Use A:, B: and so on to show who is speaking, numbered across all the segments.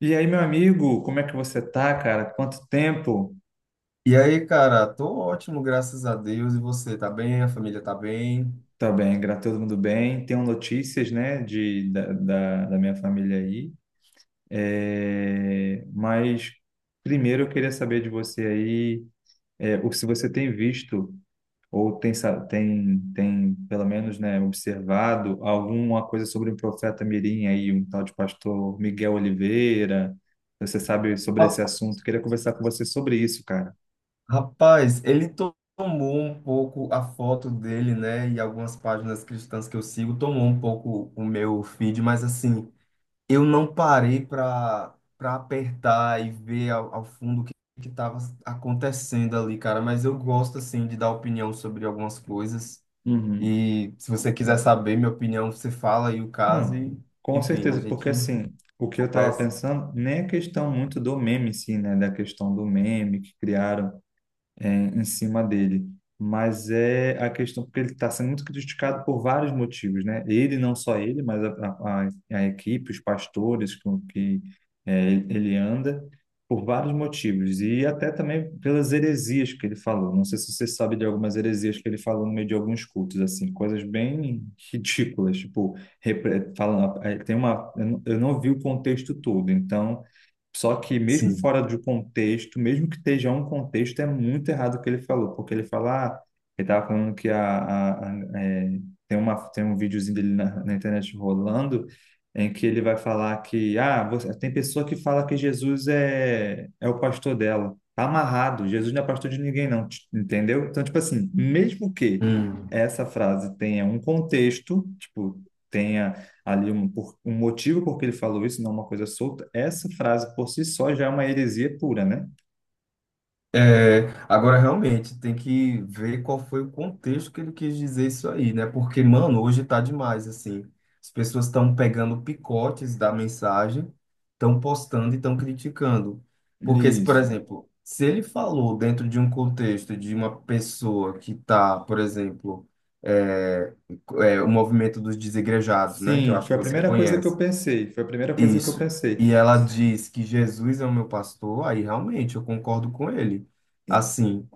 A: E aí, meu amigo, como é que você tá, cara? Quanto tempo?
B: E aí, cara, tô ótimo, graças a Deus. E você, tá bem? A família tá bem?
A: Tá bem, graças a todo mundo bem. Tenho notícias, né, da minha família aí. É, mas primeiro eu queria saber de você aí, se você tem visto ou tem pelo menos, né, observado alguma coisa sobre o profeta Mirim aí, um tal de pastor Miguel Oliveira. Você sabe sobre
B: Ra-
A: esse assunto? Queria conversar com você sobre isso, cara.
B: Rapaz, ele tomou um pouco a foto dele, né? E algumas páginas cristãs que eu sigo tomou um pouco o meu feed, mas assim, eu não parei pra apertar e ver ao fundo o que tava acontecendo ali, cara. Mas eu gosto, assim, de dar opinião sobre algumas coisas.
A: Uhum.
B: E se você quiser saber minha opinião, você fala aí o caso
A: Não,
B: e,
A: com
B: enfim, a
A: certeza, porque
B: gente
A: assim, o que eu estava
B: conversa.
A: pensando nem é questão muito do meme, sim, né? Da questão do meme que criaram em cima dele. Mas é a questão, porque ele está sendo muito criticado por vários motivos, né? Ele, não só ele, mas a equipe, os pastores com que ele anda, por vários motivos. E até também pelas heresias que ele falou. Não sei se você sabe de algumas heresias que ele falou no meio de alguns cultos, assim, coisas bem ridículas. Tipo, falando, tem uma, eu não vi o contexto todo, então só que mesmo
B: Sim.
A: fora do contexto, mesmo que esteja um contexto, é muito errado o que ele falou, porque ele fala, ah, ele estava falando que tem uma, tem um videozinho dele na internet rolando, em que ele vai falar que, ah, você, tem pessoa que fala que Jesus é o pastor dela. Tá amarrado, Jesus não é pastor de ninguém, não, entendeu? Então, tipo assim, mesmo que
B: Hum.
A: essa frase tenha um contexto, tipo, tenha ali um motivo porque ele falou isso, não uma coisa solta, essa frase por si só já é uma heresia pura, né?
B: É, agora, realmente, tem que ver qual foi o contexto que ele quis dizer isso aí, né? Porque, mano, hoje tá demais, assim. As pessoas estão pegando picotes da mensagem, estão postando e estão criticando. Porque, se, por
A: Isso.
B: exemplo, se ele falou dentro de um contexto de uma pessoa que tá, por exemplo, é, o movimento dos desigrejados, né? Que eu
A: Sim,
B: acho
A: foi
B: que
A: a
B: você
A: primeira coisa que eu
B: conhece.
A: pensei. Foi a primeira coisa que eu
B: Isso.
A: pensei.
B: E ela diz que Jesus é o meu pastor, aí realmente eu concordo com ele. Assim,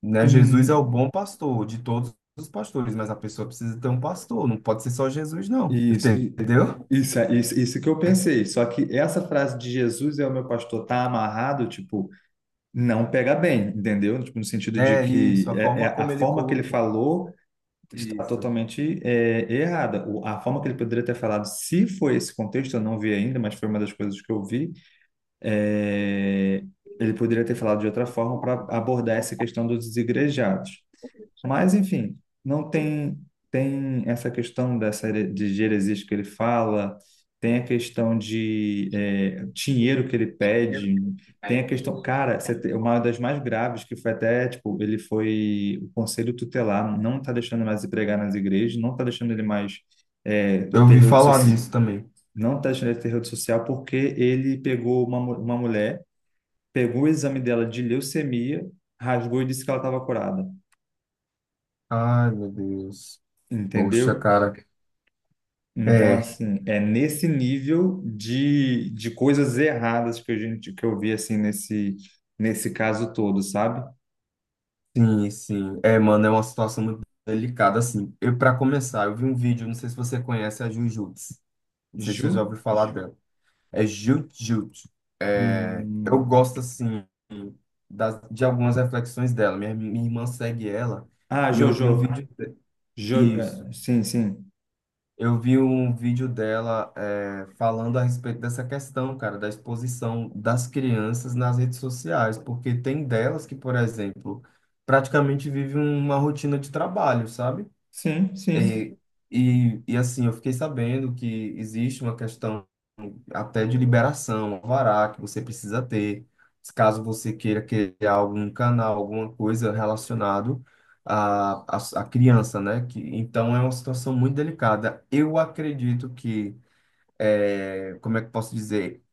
B: né, Jesus é o
A: Hum.
B: bom pastor de todos os pastores, mas a pessoa precisa ter um pastor, não pode ser só Jesus, não.
A: Isso, i-
B: Entendeu?
A: isso, isso que eu pensei. Só que essa frase de Jesus é o meu pastor tá amarrado, tipo, não pega bem, entendeu? Tipo, no sentido de
B: É isso,
A: que
B: a
A: é
B: forma
A: a
B: como ele
A: forma que ele
B: colocou
A: falou. Está
B: isso.
A: totalmente errada. A forma que ele poderia ter falado, se foi esse contexto, eu não vi ainda, mas foi uma das coisas que eu vi. é, Ele poderia ter falado de outra forma para abordar essa questão dos desigrejados. Mas, enfim, não tem tem essa questão de heresias que ele fala, tem a questão de dinheiro que ele pede, tem a questão, cara, uma das mais graves que foi até, tipo, ele foi o conselho tutelar não está deixando ele mais ir pregar nas igrejas, não está deixando ele mais eh,
B: Eu
A: ter
B: ouvi
A: rede so-
B: falar disso também.
A: não está deixando ele ter rede social porque ele pegou uma mulher, pegou o exame dela de leucemia, rasgou e disse que ela estava curada,
B: Ai, meu Deus. Poxa,
A: entendeu?
B: cara.
A: Então,
B: É,
A: assim, é nesse nível de coisas erradas que a gente que eu vi assim nesse caso todo, sabe?
B: sim, sim. É, mano, é uma situação muito delicada, assim. Eu, para começar, eu vi um vídeo, não sei se você conhece a Jujutsu. Não sei se você
A: Ju?
B: já ouviu falar dela. É Jut-Jut. É, eu
A: Hum.
B: gosto, assim, de algumas reflexões dela. Minha irmã segue ela
A: Ah,
B: e eu vi um
A: Jojo.
B: vídeo...
A: Jo,
B: Isso.
A: é, sim, sim.
B: Eu vi um vídeo dela falando a respeito dessa questão, cara, da exposição das crianças nas redes sociais, porque tem delas que, por exemplo, praticamente vivem uma rotina de trabalho, sabe?
A: Sim, sim.
B: E, assim, eu fiquei sabendo que existe uma questão até de liberação, um alvará que você precisa ter, caso você queira criar algum canal, alguma coisa relacionado à criança, né? Que, então é uma situação muito delicada. Eu acredito que, como é que eu posso dizer?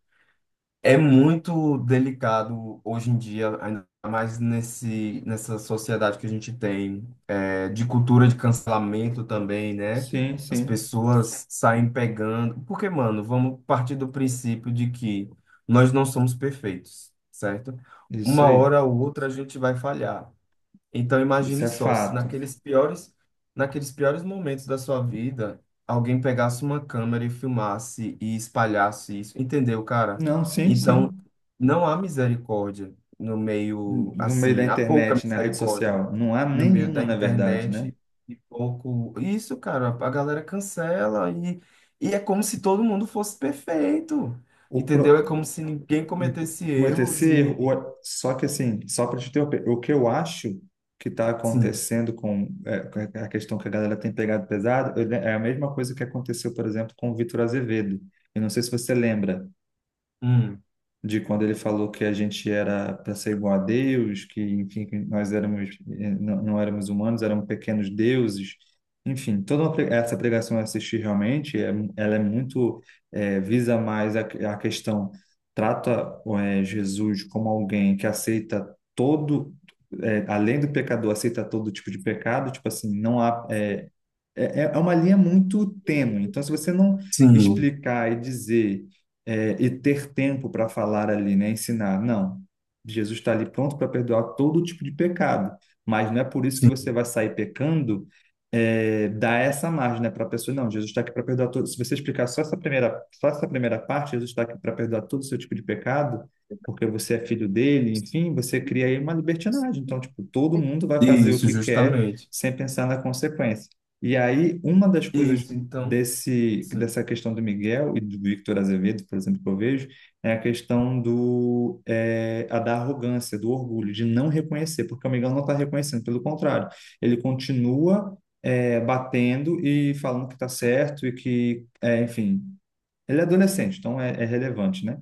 B: É muito delicado hoje em dia, ainda mais nessa sociedade que a gente tem, é, de cultura de cancelamento também, né?
A: Sim,
B: As
A: sim.
B: pessoas saem pegando. Porque, mano, vamos partir do princípio de que nós não somos perfeitos, certo?
A: Isso
B: Uma
A: aí.
B: hora ou outra a gente vai falhar. Então
A: Isso
B: imagine
A: é
B: só, se
A: fato.
B: naqueles piores momentos da sua vida, alguém pegasse uma câmera e filmasse e espalhasse isso, entendeu, cara?
A: Não, sim,
B: Então
A: sim.
B: não há misericórdia no meio,
A: No meio da
B: assim, há pouca
A: internet, na rede
B: misericórdia
A: social, não há
B: no meio da
A: nenhuma, na verdade, né?
B: internet e pouco. Isso, cara, a galera cancela e é como se todo mundo fosse perfeito,
A: O
B: entendeu? É
A: pro-
B: como se ninguém cometesse
A: Cometer esse
B: erros e
A: erro. Só que, assim, só para te interromper, o que eu acho que está
B: sim,
A: acontecendo com, é, com a questão que a galera tem pegado pesado é a mesma coisa que aconteceu, por exemplo, com o Vitor Azevedo. Eu não sei se você lembra
B: hum,
A: de quando ele falou que a gente era para ser igual a Deus, que enfim, que nós éramos não, não éramos humanos, éramos pequenos deuses. Enfim, essa pregação eu assisti realmente, é, ela é muito visa mais a trata Jesus como alguém que aceita todo além do pecador, aceita todo tipo de pecado, tipo assim, não há é, é uma linha muito tênue. Então, se você não
B: sim.
A: explicar e dizer e ter tempo para falar ali, né, ensinar, não, Jesus está ali pronto para perdoar todo tipo de pecado, mas não é por isso que você
B: Sim.
A: vai sair pecando. É, dar essa margem, né, para a pessoa, não, Jesus está aqui para perdoar todo. Se você explicar só essa primeira parte, Jesus está aqui para perdoar todo o seu tipo de pecado, porque você é filho dele, enfim, você cria aí uma libertinagem. Então, tipo, todo mundo vai fazer o
B: Isso,
A: que quer
B: justamente.
A: sem pensar na consequência. E aí, uma das coisas
B: Isso, então, sim.
A: dessa questão do Miguel e do Victor Azevedo, por exemplo, que eu vejo, é a questão do, é, a da arrogância, do orgulho, de não reconhecer, porque o Miguel não está reconhecendo, pelo contrário, ele continua, batendo e falando que está certo e que, é, enfim, ele é adolescente, então é relevante, né?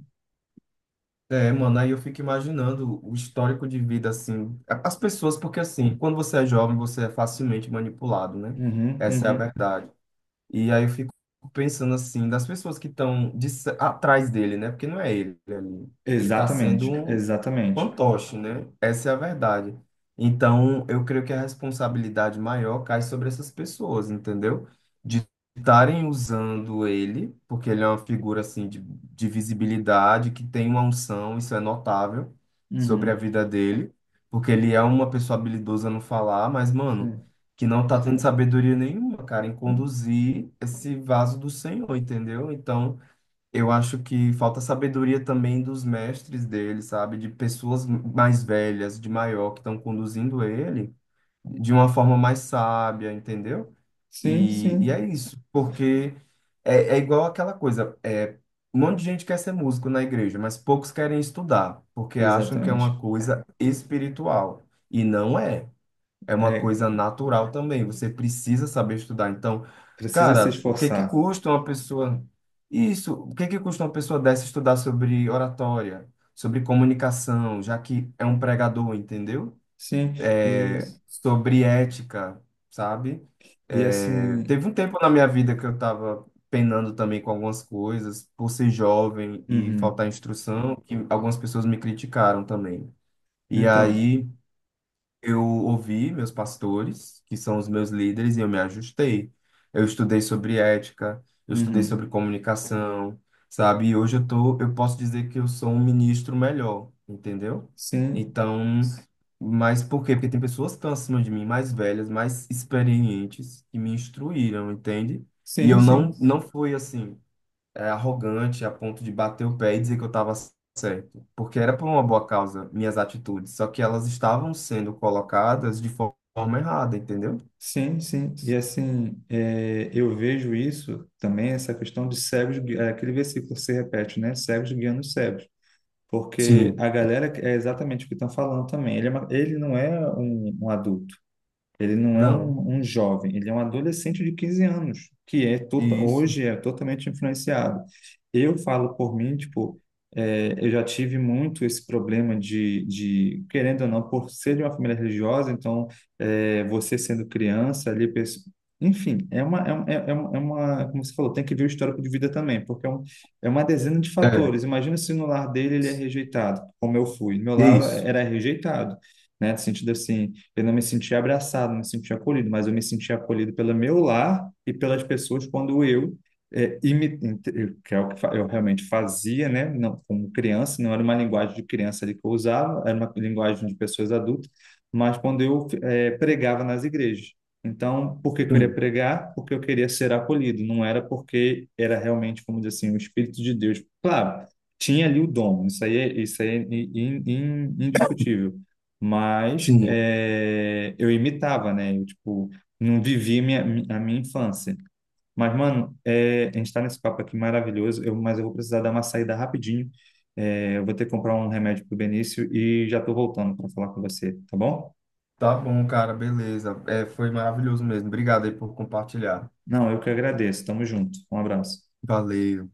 B: É, mano, aí eu fico imaginando o histórico de vida, assim, as pessoas, porque assim, quando você é jovem, você é facilmente manipulado, né?
A: Uhum,
B: Essa é a
A: uhum.
B: verdade. E aí eu fico pensando, assim, das pessoas que estão atrás dele, né? Porque não é ele ali. Ele tá sendo
A: Exatamente,
B: um
A: exatamente.
B: fantoche, né? Essa é a verdade. Então, eu creio que a responsabilidade maior cai sobre essas pessoas, entendeu? De estarem usando ele, porque ele é uma figura assim de visibilidade, que tem uma unção, isso é notável sobre a
A: Uhum.
B: vida dele, porque ele é uma pessoa habilidosa no falar, mas, mano,
A: Sim,
B: que não tá tendo sabedoria nenhuma, cara, em conduzir esse vaso do Senhor, entendeu? Então, eu acho que falta sabedoria também dos mestres dele, sabe? De pessoas mais velhas, de maior, que estão conduzindo ele de uma forma mais sábia, entendeu?
A: sim,
B: E é
A: sim,
B: isso, porque é, é igual aquela coisa, é, um monte de gente quer ser músico na igreja, mas poucos querem estudar, porque acham que é
A: exatamente.
B: uma coisa espiritual, e não é, é uma
A: É,
B: coisa natural também. Você precisa saber estudar. Então,
A: precisa se
B: cara, o que que
A: esforçar.
B: custa uma pessoa isso? O que que custa uma pessoa dessa estudar sobre oratória, sobre comunicação, já que é um pregador, entendeu?
A: Sim,
B: É.
A: e,
B: Sobre ética, sabe?
A: e
B: É,
A: assim,
B: teve um tempo na minha vida que eu estava penando também com algumas coisas, por ser jovem e
A: uhum.
B: faltar instrução, que algumas pessoas me criticaram também. E
A: Então,
B: aí eu ouvi meus pastores, que são os meus líderes, e eu me ajustei. Eu estudei sobre ética, eu estudei sobre
A: uhum.
B: comunicação, sabe? E hoje eu tô, eu posso dizer que eu sou um ministro melhor, entendeu?
A: Sim,
B: Então, mas por quê? Porque tem pessoas que estão acima de mim, mais velhas, mais experientes, que me instruíram, entende? E
A: sim,
B: eu
A: sim,
B: não, não fui assim arrogante a ponto de bater o pé e dizer que eu estava certo, porque era por uma boa causa minhas atitudes, só que elas estavam sendo colocadas de forma errada, entendeu?
A: sim, sim, e assim, é, eu vejo isso também, essa questão de cegos, aquele versículo que se repete, né, cegos guiando os cegos, porque
B: Sim,
A: a galera, é exatamente o que estão falando também, ele, ele não é um adulto. Ele não é
B: não,
A: um jovem, ele é um adolescente de 15 anos, que é
B: isso,
A: hoje é totalmente influenciado. Eu falo por mim, tipo, é, eu já tive muito esse problema querendo ou não, por ser de uma família religiosa, então, é, você sendo criança ali, enfim, como você falou, tem que ver o histórico de vida também, porque é uma dezena de
B: é,
A: fatores. Imagina se no lar dele ele é rejeitado, como eu fui. Meu lar
B: isso,
A: era rejeitado, né? No sentido assim, eu não me sentia abraçado, não me sentia acolhido, mas eu me sentia acolhido pelo meu lar e pelas pessoas quando eu é, imi- que é o que eu realmente fazia, né? Não, como criança, não era uma linguagem de criança ali que eu usava, era uma linguagem de pessoas adultas, mas quando eu pregava nas igrejas. Então, por que que eu queria
B: sim,
A: pregar? Porque eu queria ser acolhido, não era porque era realmente, como dizer assim, o Espírito de Deus. Claro, tinha ali o dom, isso aí é indiscutível, mas
B: sim.
A: é, eu imitava, né? Eu, tipo, não vivi minha, a minha infância. Mas, mano, é, a gente tá nesse papo aqui maravilhoso, mas eu vou precisar dar uma saída rapidinho. É, eu vou ter que comprar um remédio pro Benício e já tô voltando para falar com você, tá bom?
B: Tá bom, cara, beleza. É, foi maravilhoso mesmo. Obrigado aí por compartilhar.
A: Não, eu que agradeço. Tamo junto. Um abraço.
B: Valeu.